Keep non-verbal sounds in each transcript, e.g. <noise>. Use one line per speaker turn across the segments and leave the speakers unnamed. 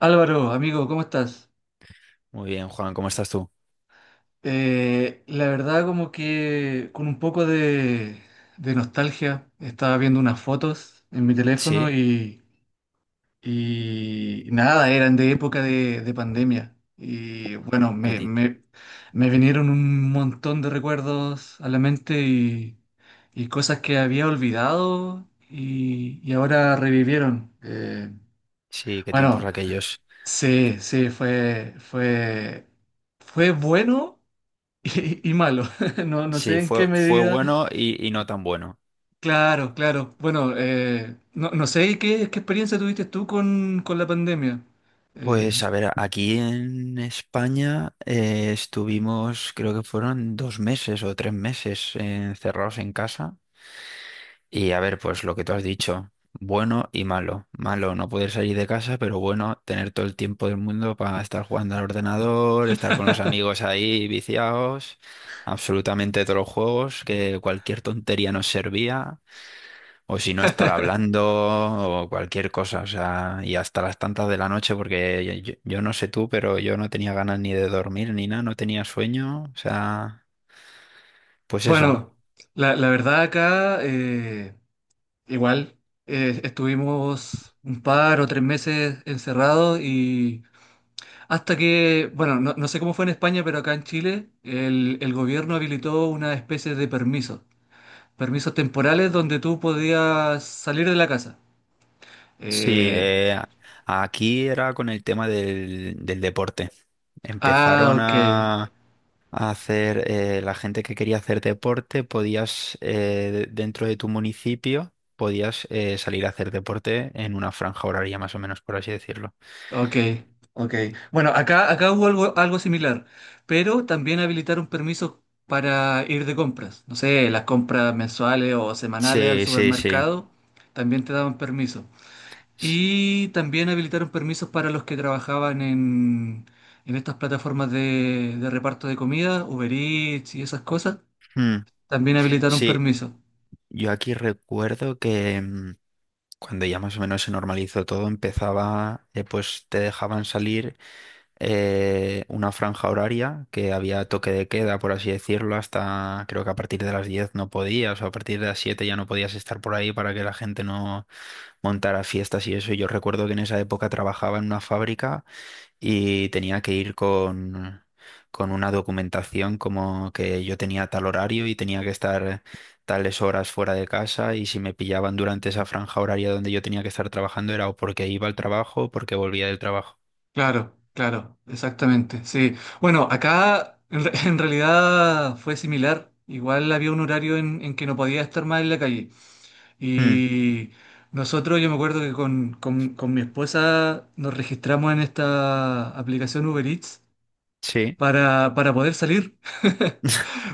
Álvaro, amigo, ¿cómo estás?
Muy bien, Juan, ¿cómo estás tú?
La verdad como que con un poco de nostalgia estaba viendo unas fotos en mi teléfono
Sí,
y nada, eran de época de pandemia. Y bueno,
qué
me,
ti-
me- me vinieron un montón de recuerdos a la mente y cosas que había olvidado y ahora revivieron.
sí, qué tiempos
Bueno,
aquellos.
sí, sí, fue bueno. Y malo, <laughs> no, no
Sí,
sé en qué
fue
medida.
bueno y no tan bueno.
Claro, claro. Bueno, no, no sé qué experiencia tuviste tú con la pandemia. Eh,
Pues a ver, aquí en España estuvimos, creo que fueron dos meses o tres meses encerrados en casa. Y a ver, pues lo que tú has dicho, bueno y malo. Malo no poder salir de casa, pero bueno, tener todo el tiempo del mundo para estar jugando al ordenador, estar con los
<laughs>
amigos ahí viciados, absolutamente todos los juegos, que cualquier tontería nos servía, o si no estar hablando, o cualquier cosa, o sea, y hasta las tantas de la noche, porque yo no sé tú, pero yo no tenía ganas ni de dormir ni nada, no tenía sueño, o sea, pues eso.
Bueno, la verdad acá igual estuvimos un par o tres meses encerrados y hasta que, bueno, no, no sé cómo fue en España, pero acá en Chile el gobierno habilitó una especie de permiso, permisos temporales donde tú podías salir de la casa.
Sí,
Eh,
aquí era con el tema del deporte.
ah,
Empezaron
ok,
a hacer, la gente que quería hacer deporte, podías, dentro de tu municipio, podías salir a hacer deporte en una franja horaria, más o menos, por así decirlo.
ok, ok. Bueno, acá hubo algo similar, pero también habilitaron permisos para ir de compras. No sé, las compras mensuales o semanales al
Sí, sí, sí.
supermercado también te daban permiso.
Sí,
Y también habilitaron permisos para los que trabajaban en estas plataformas de reparto de comida, Uber Eats y esas cosas.
mm,
También habilitaron
sí.
permisos.
Yo aquí recuerdo que cuando ya más o menos se normalizó todo, empezaba, pues te dejaban salir una franja horaria que había toque de queda, por así decirlo, hasta creo que a partir de las 10 no podías, o a partir de las 7 ya no podías estar por ahí para que la gente no montara fiestas y eso. Y yo recuerdo que en esa época trabajaba en una fábrica y tenía que ir con una documentación como que yo tenía tal horario y tenía que estar tales horas fuera de casa y si me pillaban durante esa franja horaria donde yo tenía que estar trabajando era o porque iba al trabajo o porque volvía del trabajo.
Claro, claro, exactamente, sí. Bueno, <laughs> en realidad fue similar. Igual había un horario en que no podía estar más en la calle.
Mm,
Y nosotros, yo me acuerdo que con mi esposa nos registramos en esta aplicación Uber Eats
sí.
para poder salir. <laughs>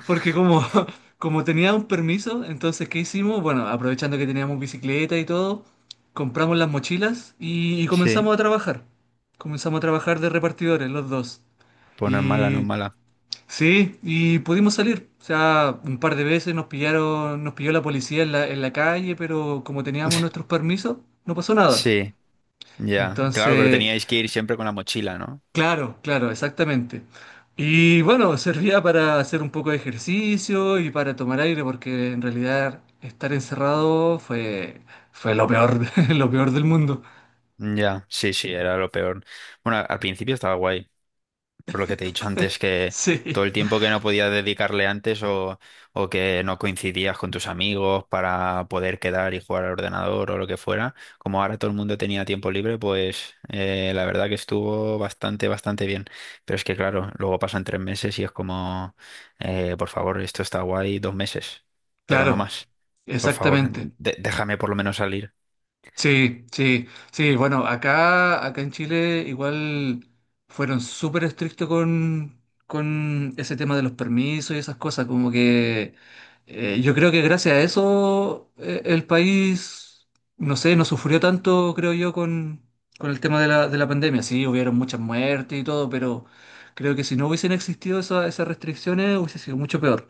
Porque como, <laughs> como tenía un permiso, entonces, ¿qué hicimos? Bueno, aprovechando que teníamos bicicleta y todo, compramos las mochilas y
Sí,
comenzamos a trabajar. Comenzamos a trabajar de repartidores, los dos.
pues no es mala, no es
Y
mala.
sí, y pudimos salir. O sea, un par de veces nos pillaron, nos pilló la policía en en la calle, pero como teníamos nuestros permisos, no pasó nada.
Sí, ya. Claro, pero
Entonces,
teníais que ir siempre con la mochila, ¿no?
claro, claro, exactamente. Y bueno, servía para hacer un poco de ejercicio y para tomar aire, porque en realidad estar encerrado fue lo peor, <laughs> lo peor del mundo.
Ya, sí, sí, era lo peor. Bueno, al principio estaba guay. Por lo que te he dicho antes, que todo
Sí,
el tiempo que no podías dedicarle antes o que no coincidías con tus amigos para poder quedar y jugar al ordenador o lo que fuera, como ahora todo el mundo tenía tiempo libre, pues la verdad que estuvo bastante bien. Pero es que claro, luego pasan tres meses y es como, por favor, esto está guay dos meses, pero no
claro,
más. Por favor,
exactamente.
déjame por lo menos salir.
Sí, sí, sí. Bueno, acá en Chile igual fueron súper estrictos con ese tema de los permisos y esas cosas. Como que yo creo que gracias a eso el país, no sé, no sufrió tanto, creo yo, con el tema de de la pandemia. Sí, hubieron muchas muertes y todo, pero creo que si no hubiesen existido esas restricciones hubiese sido mucho peor.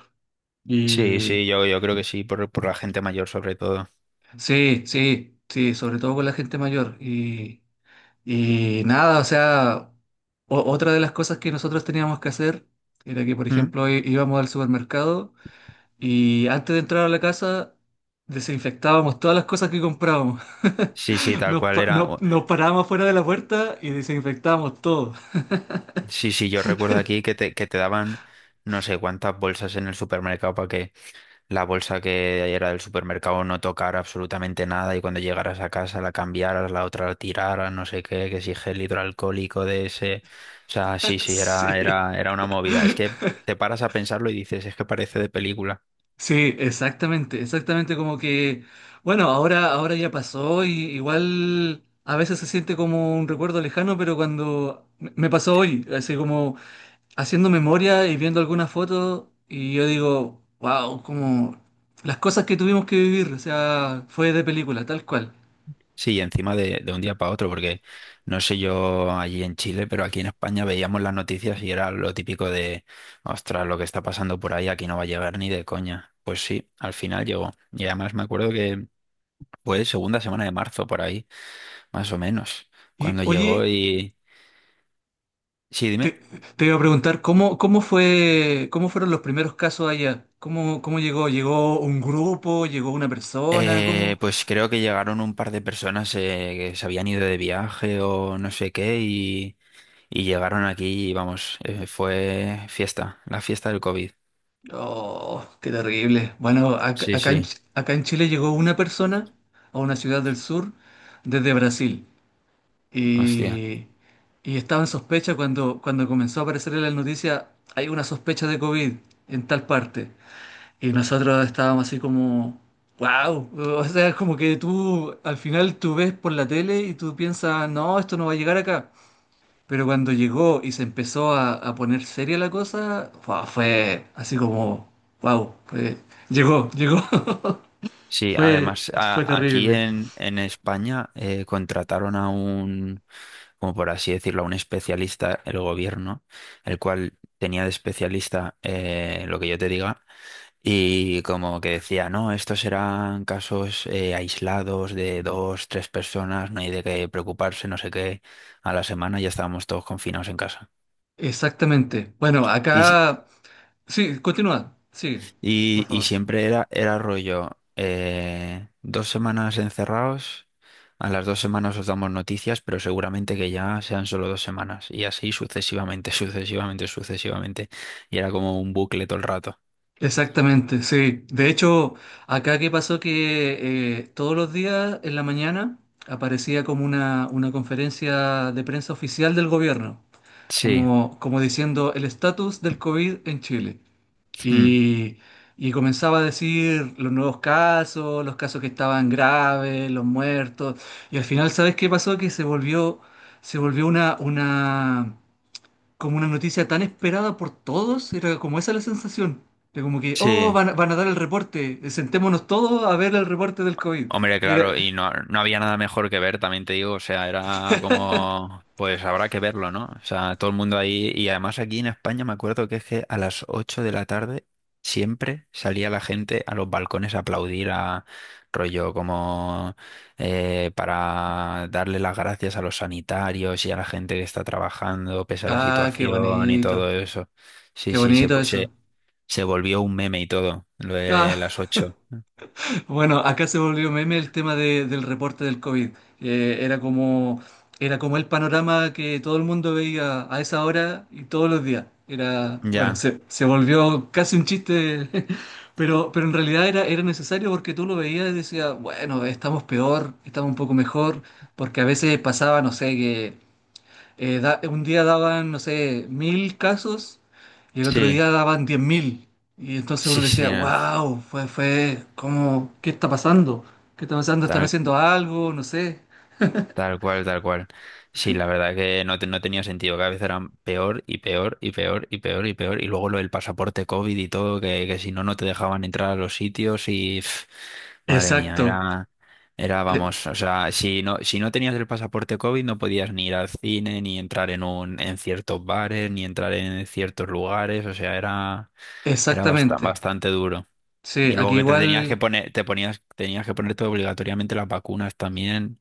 Sí,
Y
sí, yo creo que sí, por la gente mayor sobre todo.
sí, sí, sí, sobre todo con la gente mayor. Y. Y nada, o sea, otra de las cosas que nosotros teníamos que hacer era que, por
Mm.
ejemplo, íbamos al supermercado y antes de entrar a la casa desinfectábamos todas las cosas que comprábamos.
Sí, sí,
<laughs>
tal
Nos,
cual
pa-
era.
no- Nos parábamos fuera de la puerta y desinfectábamos todo.
Sí, sí, yo recuerdo aquí que te daban no sé cuántas bolsas en el supermercado para que la bolsa que era del supermercado no tocara absolutamente nada y cuando llegaras a casa la cambiaras, la otra la tiraras, no sé qué, que si gel hidroalcohólico de ese. O sea, sí,
<laughs>
sí,
Sí.
era una movida. Es que te paras a pensarlo y dices, es que parece de película.
Sí, exactamente, exactamente como que, bueno, ahora ya pasó y igual a veces se siente como un recuerdo lejano, pero cuando me pasó hoy, así como haciendo memoria y viendo algunas fotos y yo digo, wow, como las cosas que tuvimos que vivir, o sea, fue de película, tal cual.
Sí, encima de un día para otro, porque no sé yo allí en Chile, pero aquí en España veíamos las noticias y era lo típico de, ostras, lo que está pasando por ahí, aquí no va a llegar ni de coña. Pues sí, al final llegó. Y además me acuerdo que fue segunda semana de marzo por ahí, más o menos,
Y
cuando llegó
oye,
y... Sí, dime.
te, te iba a preguntar, ¿cómo fueron los primeros casos allá? ¿Cómo llegó? ¿Llegó un grupo? ¿Llegó una persona? ¿Cómo?
Pues creo que llegaron un par de personas que se habían ido de viaje o no sé qué y llegaron aquí y vamos, fue fiesta, la fiesta del COVID.
Oh, qué terrible. Bueno,
Sí, sí.
Acá en Chile llegó una persona a una ciudad del sur desde Brasil.
Hostia.
Y, y estaba en sospecha cuando, cuando comenzó a aparecer en las noticias, hay una sospecha de COVID en tal parte. Y nosotros estábamos así como, wow, o sea, es como que tú al final tú ves por la tele y tú piensas, no, esto no va a llegar acá. Pero cuando llegó y se empezó a poner seria la cosa, fue así como, wow, llegó, llegó. <laughs>
Sí,
Fue,
además
fue
aquí
terrible.
en España contrataron a un, como por así decirlo, a un especialista, el gobierno, el cual tenía de especialista lo que yo te diga, y como que decía, no, estos serán casos aislados de dos, tres personas, no hay de qué preocuparse, no sé qué. A la semana ya estábamos todos confinados en casa.
Exactamente. Bueno,
Y, si,
acá... Sí, continúa, sigue, por
Y
favor.
siempre era, era rollo, dos semanas encerrados, a las dos semanas os damos noticias, pero seguramente que ya sean solo dos semanas. Y así sucesivamente, <laughs> sucesivamente, sucesivamente. Y era como un bucle todo el rato.
Exactamente, sí. De hecho, acá qué pasó que todos los días en la mañana aparecía como una conferencia de prensa oficial del gobierno,
Sí,
como, como diciendo el estatus del COVID en Chile.
mm,
Y, y comenzaba a decir los nuevos casos, los casos que estaban graves, los muertos. Y al final, ¿sabes qué pasó? Que se volvió una como una noticia tan esperada por todos, era como esa la sensación. De como que, oh,
sí.
van a dar el reporte, sentémonos todos a ver el reporte del COVID.
Hombre,
Y era,
claro, y no, no había nada mejor que ver, también te digo, o sea, era como, pues habrá que verlo, ¿no? O sea, todo el mundo ahí, y además aquí en España me acuerdo que es que a las 8 de la tarde siempre salía la gente a los balcones a aplaudir a rollo como para darle las gracias a los sanitarios y a la gente que está trabajando pese a la
ah,
situación y todo eso. Sí,
qué
sí,
bonito eso.
se volvió un meme y todo, lo de las
Ah,
ocho.
bueno, acá se volvió meme el tema del reporte del COVID. Eh, era como, era como el panorama que todo el mundo veía a esa hora y todos los días. Era, bueno,
Ya,
se volvió casi un chiste, <laughs> pero en realidad era necesario porque tú lo veías y decías, bueno, estamos peor, estamos un poco mejor, porque a veces pasaba, no sé, que un día daban, no sé, 1.000 casos y el otro
sí.
día daban 10.000. Y entonces
Sí,
uno decía,
sí, no,
wow, ¿cómo? ¿Qué está pasando? ¿Qué está pasando? ¿Están
Tal,
haciendo algo? No sé.
tal cual, tal cual. Sí, la verdad que no, no tenía sentido. Cada vez eran peor y peor y peor y peor y peor. Y luego lo del pasaporte COVID y todo, que si no, no te dejaban entrar a los sitios y... pf, madre mía,
Exacto,
era... Era, vamos,
e-
o sea, si no tenías el pasaporte COVID no podías ni ir al cine, ni entrar en un, en ciertos bares, ni entrar en ciertos lugares, o sea, era,
exactamente.
bastante duro.
Sí,
Y luego
aquí
que te tenías que
igual
poner, te ponías, tenías que ponerte obligatoriamente las vacunas también.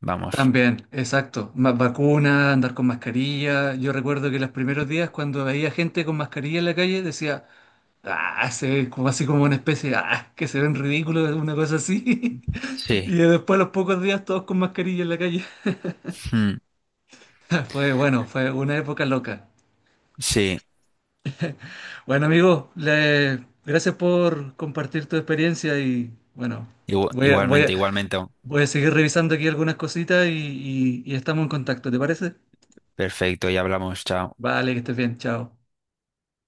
Vamos.
también, exacto. Más vacuna andar con mascarilla. Yo recuerdo que los primeros días cuando veía gente con mascarilla en la calle decía, ah, se ve como así como una especie de, ah, que se ven ridículos, una cosa así. <laughs> Y
Sí.
después a los pocos días todos con mascarilla en la calle.
Mm,
<laughs> Fue bueno, fue una época loca.
sí.
Bueno, amigo, gracias por compartir tu experiencia y bueno, voy a, voy a,
Igualmente, igualmente.
voy a seguir revisando aquí algunas cositas y y estamos en contacto, ¿te parece?
Perfecto, ya hablamos, chao.
Vale, que estés bien, chao.